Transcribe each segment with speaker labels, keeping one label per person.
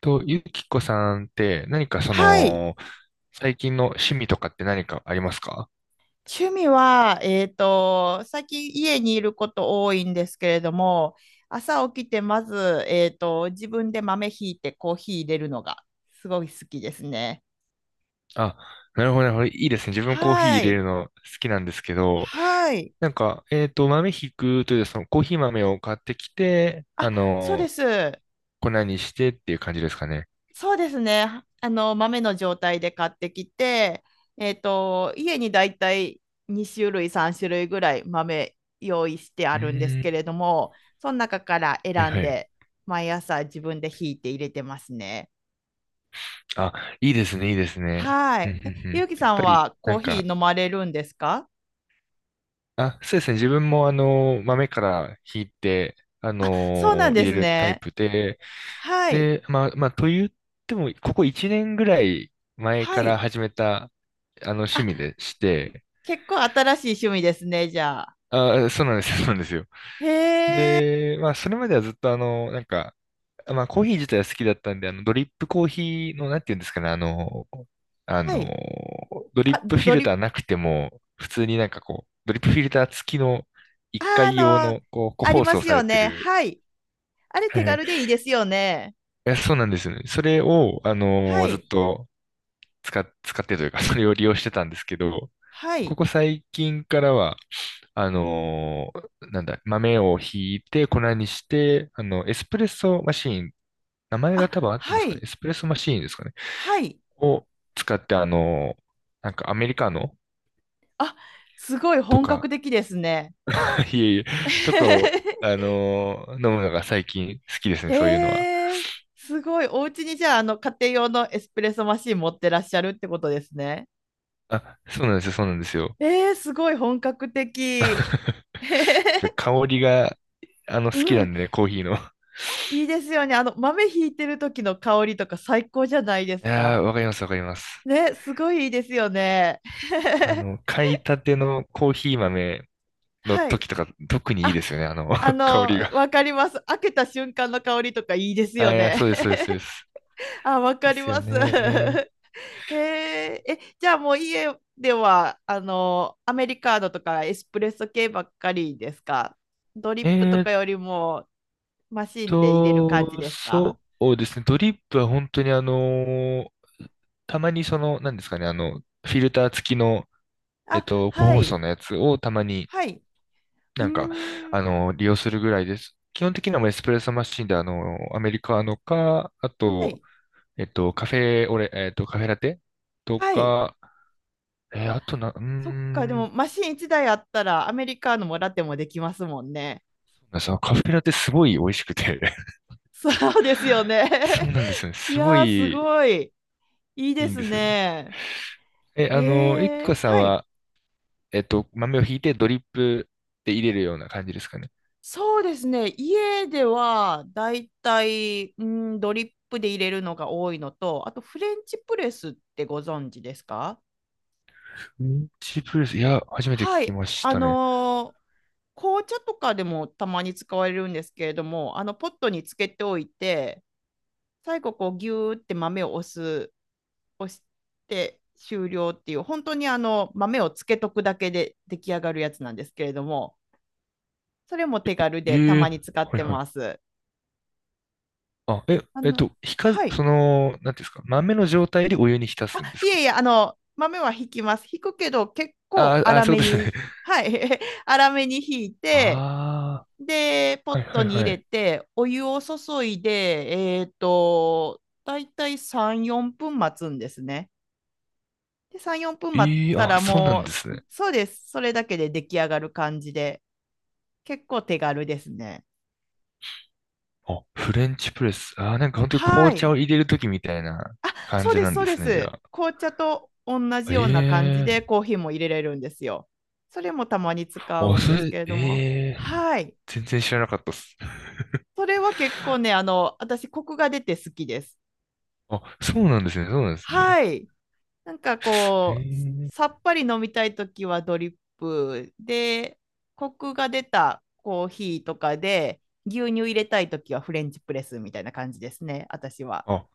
Speaker 1: と、ゆきこさんって何かそ
Speaker 2: はい。
Speaker 1: の、最近の趣味とかって何かありますか？
Speaker 2: 趣味は、最近家にいること多いんですけれども、朝起きてまず、自分で豆ひいてコーヒー入れるのがすごい好きですね。
Speaker 1: あ、なるほど、なるほど。いいですね。自分コーヒー
Speaker 2: は
Speaker 1: 入れ
Speaker 2: い。
Speaker 1: るの好きなんですけど、
Speaker 2: はい。
Speaker 1: 豆ひくという、そのコーヒー豆を買ってきて、
Speaker 2: あ、そうです。
Speaker 1: 粉にしてっていう感じですかね。
Speaker 2: そうですね。あの、豆の状態で買ってきて、家にだいたい2種類、3種類ぐらい豆用意して
Speaker 1: う
Speaker 2: あるんです
Speaker 1: ー
Speaker 2: け
Speaker 1: ん。
Speaker 2: れども、その中から
Speaker 1: はい
Speaker 2: 選ん
Speaker 1: はい。
Speaker 2: で、毎朝自分でひいて入れてますね。
Speaker 1: あ、いいですね、いいですね。
Speaker 2: は
Speaker 1: うんう
Speaker 2: い。え、
Speaker 1: んう
Speaker 2: ゆ
Speaker 1: ん。
Speaker 2: うき
Speaker 1: や
Speaker 2: さ
Speaker 1: っ
Speaker 2: ん
Speaker 1: ぱり、
Speaker 2: は
Speaker 1: な
Speaker 2: コー
Speaker 1: ん
Speaker 2: ヒ
Speaker 1: か、
Speaker 2: ー飲まれるんですか？
Speaker 1: あ、そうですね。自分も豆からひいて、
Speaker 2: そうなんで
Speaker 1: 入れ
Speaker 2: す
Speaker 1: るタイ
Speaker 2: ね。
Speaker 1: プで、
Speaker 2: はい。
Speaker 1: と言っても、ここ1年ぐらい前
Speaker 2: は
Speaker 1: から
Speaker 2: い。
Speaker 1: 始めた、趣
Speaker 2: あ、
Speaker 1: 味でして、
Speaker 2: 結構新しい趣味ですね、じゃあ。
Speaker 1: あー、そうなんですよ、そうなんですよ。
Speaker 2: へえ。
Speaker 1: で、まあ、それまではずっと、コーヒー自体は好きだったんで、ドリップコーヒーの、なんていうんですかね、あの、あ
Speaker 2: はい。
Speaker 1: の、ドリッ
Speaker 2: あ、
Speaker 1: プフィ
Speaker 2: ド
Speaker 1: ル
Speaker 2: リッ
Speaker 1: タ
Speaker 2: プ、
Speaker 1: ーなくても、普通になんかこう、ドリップフィルター付きの1
Speaker 2: あ、あ
Speaker 1: 回用
Speaker 2: の、
Speaker 1: の、こう、個
Speaker 2: あり
Speaker 1: 包
Speaker 2: ま
Speaker 1: 装
Speaker 2: す
Speaker 1: さ
Speaker 2: よ
Speaker 1: れて
Speaker 2: ね。
Speaker 1: る、
Speaker 2: はい。あれ 手
Speaker 1: え、
Speaker 2: 軽でいいですよね。
Speaker 1: そうなんですよね。それを、
Speaker 2: は
Speaker 1: ずっ
Speaker 2: い。
Speaker 1: と、使ってというか、それを利用してたんですけど、
Speaker 2: は
Speaker 1: こ
Speaker 2: い。
Speaker 1: こ最近からは、あのーなんだ、豆をひいて粉にして、エスプレッソマシーン、名前が多分
Speaker 2: あ、
Speaker 1: 合ってま
Speaker 2: は
Speaker 1: すかね、エ
Speaker 2: い。
Speaker 1: スプレッソマシーンですかね、
Speaker 2: はい。
Speaker 1: を使って、なんかアメリカの
Speaker 2: あ、すごい
Speaker 1: と
Speaker 2: 本格
Speaker 1: か、
Speaker 2: 的ですね。
Speaker 1: いえいえ、とかを、飲むのが最近好きです
Speaker 2: え
Speaker 1: ね、そういうのは。
Speaker 2: ーすごい。お家にじゃあ、あの、家庭用のエスプレッソマシン持ってらっしゃるってことですね。
Speaker 1: あ、そうなんですよ、そうなんですよ。
Speaker 2: えーすごい本格的。
Speaker 1: やっぱり 香りが、
Speaker 2: う
Speaker 1: 好きな
Speaker 2: ん、
Speaker 1: んでね、コーヒーの。い
Speaker 2: いいですよね。あの、豆ひいてる時の香りとか最高じゃないです
Speaker 1: や
Speaker 2: か。
Speaker 1: ー、わかります、わかります。
Speaker 2: ね、すごいいいですよね。
Speaker 1: あ の、買いたてのコーヒー豆の
Speaker 2: はい。
Speaker 1: 時とか特にいい
Speaker 2: あ、
Speaker 1: ですよね、あの、
Speaker 2: あ
Speaker 1: 香り
Speaker 2: の、
Speaker 1: が。
Speaker 2: わかります。開けた瞬間の香りとかいいです
Speaker 1: あ、
Speaker 2: よ
Speaker 1: いや、
Speaker 2: ね。
Speaker 1: そうです、そうです、そうです。
Speaker 2: あ、わ
Speaker 1: い
Speaker 2: か
Speaker 1: いっ
Speaker 2: り
Speaker 1: すよ
Speaker 2: ます。
Speaker 1: ね。
Speaker 2: へえ、え、じゃあもう家では、あの、アメリカーノとかエスプレッソ系ばっかりですか？ドリップと
Speaker 1: えー
Speaker 2: か
Speaker 1: っ
Speaker 2: よりもマシンで入れる感じですか？
Speaker 1: そうですね、ドリップは本当にたまにその、なんですかね、あの、フィルター付きの、
Speaker 2: あ、
Speaker 1: 個
Speaker 2: は
Speaker 1: 包装
Speaker 2: い、
Speaker 1: のやつをたまに
Speaker 2: はい。う
Speaker 1: なんか、
Speaker 2: ーん、
Speaker 1: 利用するぐらいです。基本的にはもうエスプレッソマシンで、アメリカーノか、あ
Speaker 2: は
Speaker 1: と、
Speaker 2: い、
Speaker 1: カフェオレ、カフェラテと
Speaker 2: はい。
Speaker 1: か、えー
Speaker 2: あ、
Speaker 1: あとな、うー
Speaker 2: そっか、でも
Speaker 1: ん、
Speaker 2: マシン1台あったらアメリカーノもラテもできますもんね。
Speaker 1: そうなんです。あのカフェラテすごい美味しくて
Speaker 2: そうですよね。
Speaker 1: そう なんですよね。
Speaker 2: い
Speaker 1: すご
Speaker 2: やー、す
Speaker 1: い
Speaker 2: ごい。いい
Speaker 1: い
Speaker 2: で
Speaker 1: いん
Speaker 2: す
Speaker 1: ですよね。
Speaker 2: ね。
Speaker 1: え、ゆき
Speaker 2: へ
Speaker 1: こ
Speaker 2: え、
Speaker 1: さん
Speaker 2: はい。
Speaker 1: は、豆をひいてドリップで入れるような感じですかね。
Speaker 2: そうですね。家ではだいたい、うん、ドリップで入れるのが多いのと、あとフレンチプレスってご存知ですか？
Speaker 1: ミンチプレス、いや、初めて聞
Speaker 2: は
Speaker 1: き
Speaker 2: い。
Speaker 1: まし
Speaker 2: あ
Speaker 1: たね。
Speaker 2: のー、紅茶とかでもたまに使われるんですけれども、あのポットにつけておいて、最後こうギューって豆を押す、押して終了っていう、本当にあの豆をつけとくだけで出来上がるやつなんですけれども、それも手軽でた
Speaker 1: え
Speaker 2: ま
Speaker 1: え、
Speaker 2: に使っ
Speaker 1: はい
Speaker 2: て
Speaker 1: はい。
Speaker 2: ます。
Speaker 1: あ、え、
Speaker 2: あ
Speaker 1: えっ
Speaker 2: の、
Speaker 1: と、ひか、
Speaker 2: はい。
Speaker 1: その、なんていうんですか、豆の状態でお湯に浸
Speaker 2: あ、
Speaker 1: すんです
Speaker 2: い
Speaker 1: か？
Speaker 2: えいえ、あの、豆は引きます。引くけど、結構
Speaker 1: ああ、
Speaker 2: 粗
Speaker 1: そう
Speaker 2: め
Speaker 1: ですね。
Speaker 2: に、はい、粗めに引いて、
Speaker 1: ああ、
Speaker 2: で、ポ
Speaker 1: はい
Speaker 2: ッ
Speaker 1: は
Speaker 2: ト
Speaker 1: い
Speaker 2: に入
Speaker 1: は
Speaker 2: れ
Speaker 1: い。
Speaker 2: て、お湯を注いで、だいたい3、4分待つんですね。で、3、4分待っ
Speaker 1: え、
Speaker 2: た
Speaker 1: あ、
Speaker 2: ら
Speaker 1: そうなん
Speaker 2: もう、
Speaker 1: ですね。
Speaker 2: そうです。それだけで出来上がる感じで、結構手軽ですね。
Speaker 1: あ、フレンチプレス。ああ、なんか本当に
Speaker 2: は
Speaker 1: 紅茶
Speaker 2: い。
Speaker 1: を入れるときみたいな
Speaker 2: あ、
Speaker 1: 感
Speaker 2: そう
Speaker 1: じ
Speaker 2: で
Speaker 1: な
Speaker 2: す、
Speaker 1: ん
Speaker 2: そう
Speaker 1: で
Speaker 2: で
Speaker 1: すね、じ
Speaker 2: す。
Speaker 1: ゃ
Speaker 2: 紅茶と同じ
Speaker 1: あ。え
Speaker 2: ような感じ
Speaker 1: えー、
Speaker 2: でコーヒーも入れれるんですよ。それもたまに使う
Speaker 1: あ、
Speaker 2: ん
Speaker 1: そ
Speaker 2: です
Speaker 1: れ、
Speaker 2: けれども。
Speaker 1: ええー、
Speaker 2: はい。
Speaker 1: 全然知らなかったっす。
Speaker 2: それは結構ね、あの、私、コクが出て好きです。
Speaker 1: あ、そうなんですね、そうなんですね。
Speaker 2: はい。なんか
Speaker 1: え
Speaker 2: こう、
Speaker 1: え
Speaker 2: さ
Speaker 1: ー、
Speaker 2: っぱり飲みたいときはドリップで、コクが出たコーヒーとかで、牛乳入れたいときはフレンチプレスみたいな感じですね、私は。
Speaker 1: あ、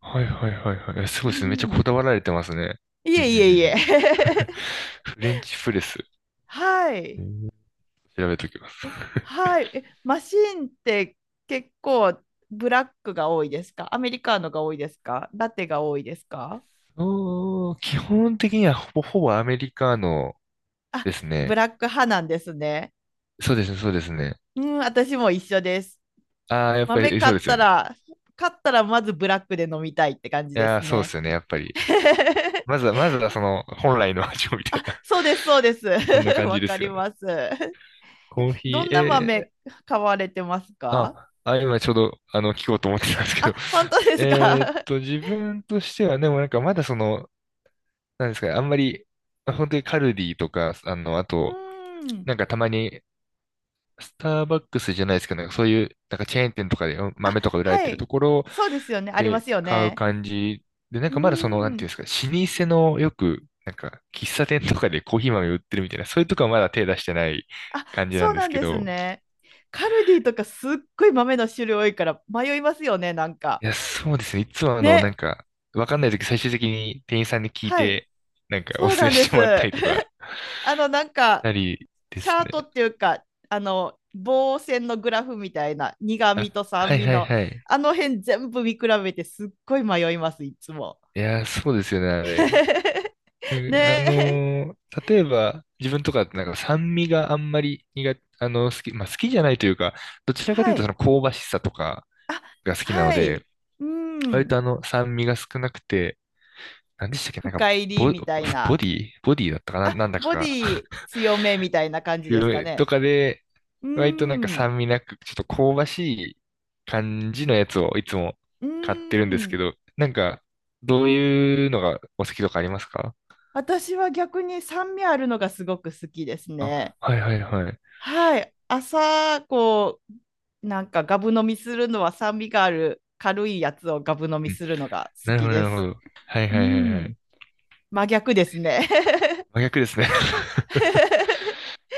Speaker 1: はいはいはいはい。えす
Speaker 2: う
Speaker 1: ごいですね。めっちゃこ
Speaker 2: ん。
Speaker 1: だわられてますね。
Speaker 2: い
Speaker 1: うんう
Speaker 2: え
Speaker 1: んうん
Speaker 2: い
Speaker 1: う
Speaker 2: えいえ。
Speaker 1: ん、フレンチプレス。
Speaker 2: は
Speaker 1: え
Speaker 2: い。
Speaker 1: ー、調べときます。
Speaker 2: えはい。え、マシーンって結構ブラックが多いですか？アメリカーノが多いですか？ラテが多いですか？
Speaker 1: うーん、基本的にはほぼほぼアメリカの
Speaker 2: あ、
Speaker 1: です
Speaker 2: ブ
Speaker 1: ね。
Speaker 2: ラック派なんですね。
Speaker 1: そうですね、そうですね。
Speaker 2: うん、私も一緒です。
Speaker 1: ああ、やっぱ
Speaker 2: 豆
Speaker 1: りそ
Speaker 2: 買
Speaker 1: う
Speaker 2: っ
Speaker 1: ですよ
Speaker 2: た
Speaker 1: ね。
Speaker 2: ら、まずブラックで飲みたいって感じ
Speaker 1: い
Speaker 2: で
Speaker 1: やー、
Speaker 2: す
Speaker 1: そうで
Speaker 2: ね。
Speaker 1: すよね、やっぱり。まずは、まずはその本来の味をみたいな。
Speaker 2: そうです、そうです。
Speaker 1: そんな 感
Speaker 2: わ
Speaker 1: じで
Speaker 2: か
Speaker 1: す
Speaker 2: り
Speaker 1: よね。
Speaker 2: ます。
Speaker 1: コーヒ
Speaker 2: どん
Speaker 1: ー、
Speaker 2: な
Speaker 1: えー、
Speaker 2: 豆買われてますか？
Speaker 1: あ、あ、今ちょうど、聞こうと思ってたんですけど、
Speaker 2: あ、本当 です
Speaker 1: えーっ
Speaker 2: か？
Speaker 1: と、自分としては、でもなんかまだその、なんですかね、あんまり、本当にカルディとか、あ と、
Speaker 2: うん。
Speaker 1: なんかたまにスターバックスじゃないですけど、なんかそういう、なんかチェーン店とかでうん
Speaker 2: あ、
Speaker 1: 豆とか売られ
Speaker 2: は
Speaker 1: てる
Speaker 2: い。
Speaker 1: ところ
Speaker 2: そうですよね。ありま
Speaker 1: で
Speaker 2: すよ
Speaker 1: 買う
Speaker 2: ね。
Speaker 1: 感じで、なん
Speaker 2: う
Speaker 1: かまだその、なんて
Speaker 2: ん。
Speaker 1: いうんですか、老舗のよく、なんか喫茶店とかでコーヒー豆売ってるみたいな、そういうとこはまだ手出してない
Speaker 2: あ、
Speaker 1: 感じな
Speaker 2: そ
Speaker 1: ん
Speaker 2: う
Speaker 1: で
Speaker 2: な
Speaker 1: す
Speaker 2: ん
Speaker 1: け
Speaker 2: です
Speaker 1: ど、
Speaker 2: ね。カルディとかすっごい豆の種類多いから迷いますよね、なんか。
Speaker 1: いや、そうですね。いつも
Speaker 2: ね。
Speaker 1: わかんないとき最終的に店員さんに聞い
Speaker 2: はい。
Speaker 1: て、なんかお
Speaker 2: そう
Speaker 1: すすめ
Speaker 2: なんで
Speaker 1: して
Speaker 2: す。
Speaker 1: もらったりとか
Speaker 2: あの、なん
Speaker 1: し
Speaker 2: か、
Speaker 1: たりで
Speaker 2: チ
Speaker 1: す
Speaker 2: ャート
Speaker 1: ね。
Speaker 2: っていうか、あの、棒線のグラフみたいな、苦
Speaker 1: あ、
Speaker 2: 味と
Speaker 1: は
Speaker 2: 酸
Speaker 1: い
Speaker 2: 味
Speaker 1: はい
Speaker 2: の、
Speaker 1: はい。
Speaker 2: あの辺全部見比べてすっごい迷います、いつも。
Speaker 1: いや、そうですよね、あ れ。なん
Speaker 2: ね
Speaker 1: かあ
Speaker 2: え。
Speaker 1: のー例えば、自分とかってなんか酸味があんまり苦手、まあ好きじゃないというか、どちらかとい
Speaker 2: は
Speaker 1: うとそ
Speaker 2: い。
Speaker 1: の香ばしさとかが好きなの
Speaker 2: は
Speaker 1: で、
Speaker 2: い。う
Speaker 1: 割
Speaker 2: ん。
Speaker 1: と酸味が少なくて、なんでしたっけ、
Speaker 2: 深入り
Speaker 1: ボ、
Speaker 2: みたい
Speaker 1: ボ
Speaker 2: な。
Speaker 1: ディボディだったかな、
Speaker 2: あ、
Speaker 1: なんだか
Speaker 2: ボデ
Speaker 1: が、
Speaker 2: ィ 強めみたいな感じです
Speaker 1: 強
Speaker 2: か
Speaker 1: い
Speaker 2: ね。
Speaker 1: とかで、
Speaker 2: う
Speaker 1: 割となんか
Speaker 2: ん。
Speaker 1: 酸味なく、ちょっと香ばしい感じのやつをいつも
Speaker 2: うー
Speaker 1: 買ってるんですけ
Speaker 2: ん。
Speaker 1: ど、なんか、どういうのがお好きとかありますか？
Speaker 2: 私は逆に酸味あるのがすごく好きですね。
Speaker 1: あ、はいはいはい。
Speaker 2: はい。朝、こう、なんかガブ飲みするのは酸味がある軽いやつをガブ飲み
Speaker 1: うん、
Speaker 2: するのが好
Speaker 1: なるほ
Speaker 2: き
Speaker 1: ど、な
Speaker 2: で
Speaker 1: るほ
Speaker 2: す。
Speaker 1: ど。はい
Speaker 2: う
Speaker 1: はいはいは
Speaker 2: ん。
Speaker 1: い。
Speaker 2: 真逆ですね。
Speaker 1: 真逆ですね。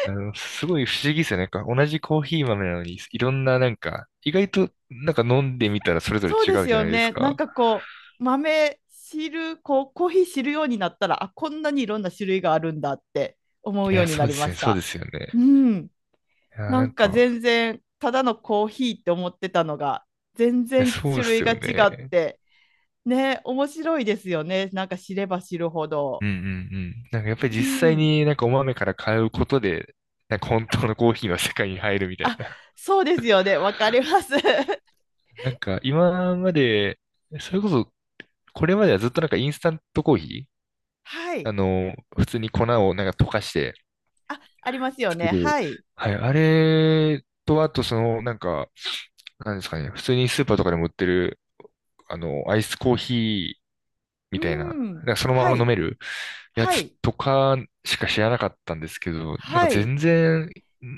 Speaker 1: あの、すごい不思議ですよね。なんか同じコーヒー豆なのに、いろんななんか、意外となんか飲んでみたらそれぞれ
Speaker 2: そう
Speaker 1: 違
Speaker 2: です
Speaker 1: うじゃ
Speaker 2: よ
Speaker 1: ないです
Speaker 2: ね。なん
Speaker 1: か。
Speaker 2: かこう、豆汁、こう、コーヒー知るようになったら、あ、こんなにいろんな種類があるんだって思う
Speaker 1: い
Speaker 2: よう
Speaker 1: や、
Speaker 2: にな
Speaker 1: そう
Speaker 2: り
Speaker 1: です
Speaker 2: ま
Speaker 1: ね、
Speaker 2: し
Speaker 1: そうで
Speaker 2: た。
Speaker 1: すよね。
Speaker 2: うん。
Speaker 1: いや、
Speaker 2: な
Speaker 1: なん
Speaker 2: んか
Speaker 1: か、
Speaker 2: 全然ただのコーヒーって思ってたのが全
Speaker 1: いや、
Speaker 2: 然
Speaker 1: そうで
Speaker 2: 種
Speaker 1: す
Speaker 2: 類が
Speaker 1: よ
Speaker 2: 違っ
Speaker 1: ね。
Speaker 2: てね、面白いですよね、なんか知れば知るほ
Speaker 1: う
Speaker 2: ど。
Speaker 1: んうんうん。なんかやっぱり
Speaker 2: う
Speaker 1: 実際
Speaker 2: ん、
Speaker 1: になんかお豆から買うことで、なんか本当のコーヒーの世界に入るみたい
Speaker 2: あ、
Speaker 1: な。
Speaker 2: そうですよね、わかります。
Speaker 1: なんか今まで、それこそ、これまではずっとなんかインスタントコーヒ
Speaker 2: は
Speaker 1: ー、
Speaker 2: い、
Speaker 1: 普通に粉をなんか溶かして、
Speaker 2: あ、ありますよ
Speaker 1: 作
Speaker 2: ね、
Speaker 1: る。
Speaker 2: はい。
Speaker 1: はい。あれと、あとその、なんか、なんですかね。普通にスーパーとかでも売ってる、アイスコーヒー
Speaker 2: う
Speaker 1: みたいな、
Speaker 2: ん、
Speaker 1: なんかそのま
Speaker 2: は
Speaker 1: ま飲
Speaker 2: い、
Speaker 1: めるや
Speaker 2: は
Speaker 1: つ
Speaker 2: い、
Speaker 1: とかしか知らなかったんですけど、なんか
Speaker 2: はい、
Speaker 1: 全然、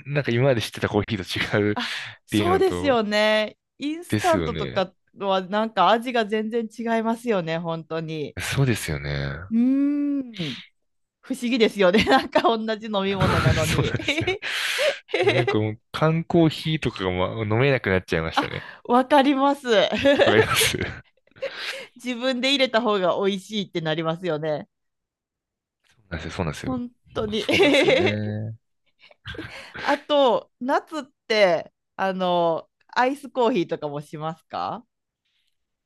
Speaker 1: なんか今まで知ってたコーヒーと違うっ
Speaker 2: あ、
Speaker 1: ていう
Speaker 2: そう
Speaker 1: の
Speaker 2: です
Speaker 1: と、
Speaker 2: よね、インス
Speaker 1: で
Speaker 2: タ
Speaker 1: す
Speaker 2: ン
Speaker 1: よ
Speaker 2: トと
Speaker 1: ね。
Speaker 2: かはなんか味が全然違いますよね、本当に。
Speaker 1: そうですよね。
Speaker 2: うーん、不思議ですよね。なんか同じ飲み物なの
Speaker 1: そうなん
Speaker 2: に。
Speaker 1: ですよ。でもなんか もう缶コーヒーとかが、ま、飲めなくなっちゃいました
Speaker 2: あ、
Speaker 1: ね。
Speaker 2: わかります。
Speaker 1: わかりま す。
Speaker 2: 自分で入れた方が美味しいってなりますよね。
Speaker 1: そうなんですよ、
Speaker 2: 本当に。
Speaker 1: そうなんですよ。そうなんですよ ね。
Speaker 2: あと、夏って、あの、アイスコーヒーとかもしますか？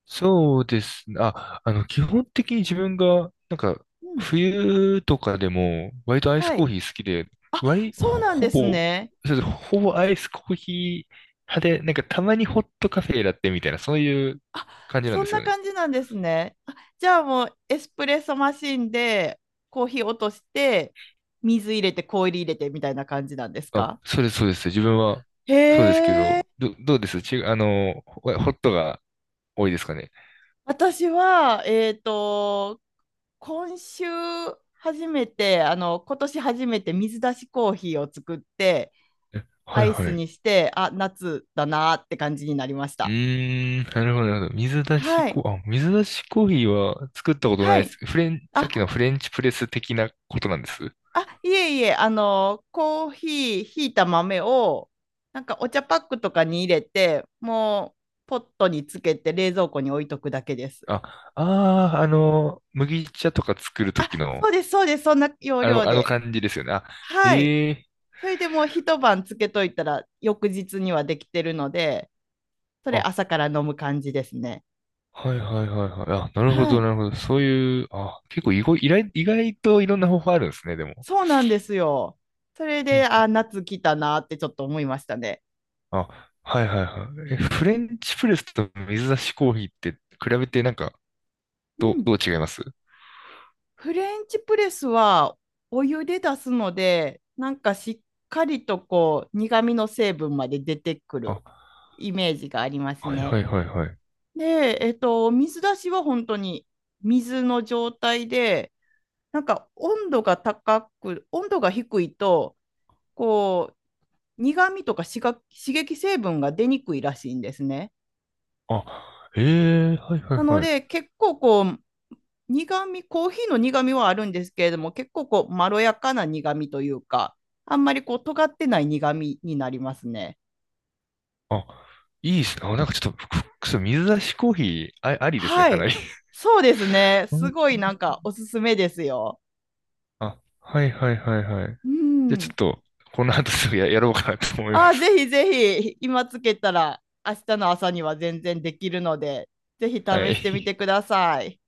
Speaker 1: そうですね。あ、基本的に自分が、なんか、
Speaker 2: うん。
Speaker 1: 冬とかでも、割とアイス
Speaker 2: は
Speaker 1: コー
Speaker 2: い。
Speaker 1: ヒー好きで、割、
Speaker 2: そうなん
Speaker 1: ほ
Speaker 2: です
Speaker 1: ぼ、
Speaker 2: ね。
Speaker 1: そうです、ほぼアイスコーヒー派で、なんかたまにホットカフェラテみたいな、そういう
Speaker 2: あ、
Speaker 1: 感じなん
Speaker 2: そ
Speaker 1: で
Speaker 2: ん
Speaker 1: す
Speaker 2: な
Speaker 1: よね。
Speaker 2: 感じなんですね。あ、じゃあもうエスプレッソマシンでコーヒー落として、水入れて氷入れてみたいな感じなんです
Speaker 1: あ、
Speaker 2: か？
Speaker 1: そうです、そうです。自分は、
Speaker 2: へ
Speaker 1: そうですけ
Speaker 2: え。
Speaker 1: ど、どうですち、ホットが多いですかね。
Speaker 2: 私は、今週初めて、あの、今年初めて水出しコーヒーを作って、
Speaker 1: え、は
Speaker 2: ア
Speaker 1: い
Speaker 2: イ
Speaker 1: は
Speaker 2: ス
Speaker 1: い。
Speaker 2: にして、あ、夏だなーって感じになりまし
Speaker 1: う
Speaker 2: た。
Speaker 1: ーん、なるほど、なるほど。水出し
Speaker 2: は
Speaker 1: コ
Speaker 2: い。
Speaker 1: ー、あ、水出しコーヒーは作ったことない
Speaker 2: は
Speaker 1: で
Speaker 2: い。
Speaker 1: す。フレン、さっ
Speaker 2: あ、
Speaker 1: きのフレンチプレス的なことなんです。
Speaker 2: あ、いえいえ、あの、コーヒー、ひいた豆を、なんかお茶パックとかに入れて、もう、ポットにつけて冷蔵庫に置いとくだけです。
Speaker 1: あ、ああ、麦茶とか作ると
Speaker 2: あ、
Speaker 1: きの、
Speaker 2: そうです、そうです、そんな要
Speaker 1: あ
Speaker 2: 領
Speaker 1: の、あの
Speaker 2: で。
Speaker 1: 感じですよね。あ、
Speaker 2: はい。
Speaker 1: ええ、
Speaker 2: それでもう一晩つけといたら翌日にはできてるので、それ朝
Speaker 1: あ、
Speaker 2: から飲む感じですね。
Speaker 1: はいはいはいはい。あ、なるほ
Speaker 2: は
Speaker 1: ど、
Speaker 2: い。
Speaker 1: なるほど。そういう、あ、結構意外、意外、意外といろんな方法あるんですね、でも。
Speaker 2: そうなんですよ。それ
Speaker 1: う
Speaker 2: で、
Speaker 1: ん、
Speaker 2: あ、夏来たなってちょっと思いましたね。
Speaker 1: あ、はいはいはい。え、フレンチプレスと水出しコーヒーって比べてなんか、
Speaker 2: う
Speaker 1: ど、う、
Speaker 2: ん。
Speaker 1: どう違います？
Speaker 2: フレンチプレスはお湯で出すので、なんかしっかりとこう苦味の成分まで出てくる
Speaker 1: あ、
Speaker 2: イメージがあります
Speaker 1: はいは
Speaker 2: ね。
Speaker 1: いはいはい。
Speaker 2: で、水出しは本当に水の状態で、なんか温度が高く、温度が低いと、こう苦味とか刺激成分が出にくいらしいんですね。
Speaker 1: あ、ええ、はいは
Speaker 2: な
Speaker 1: い
Speaker 2: の
Speaker 1: はい。
Speaker 2: で結構こう苦味、コーヒーの苦味はあるんですけれども、結構こうまろやかな苦味というか、あんまりこう尖ってない苦味になりますね。
Speaker 1: あ、いいですね。あ、なんかちょっと、水出しコーヒー、あ、ありですね、
Speaker 2: は
Speaker 1: かな
Speaker 2: い、
Speaker 1: り。
Speaker 2: そうですね、
Speaker 1: う
Speaker 2: す
Speaker 1: ん、
Speaker 2: ごいなんかおすすめですよ。
Speaker 1: あ、はいはいはいはい。
Speaker 2: う
Speaker 1: じゃあちょ
Speaker 2: ん、
Speaker 1: っと、この後すぐや、やろうかなと思い
Speaker 2: あ
Speaker 1: ま
Speaker 2: ー
Speaker 1: す。
Speaker 2: ぜひぜひ今つけたら明日の朝には全然できるのでぜひ試
Speaker 1: は
Speaker 2: してみ
Speaker 1: い。
Speaker 2: てください。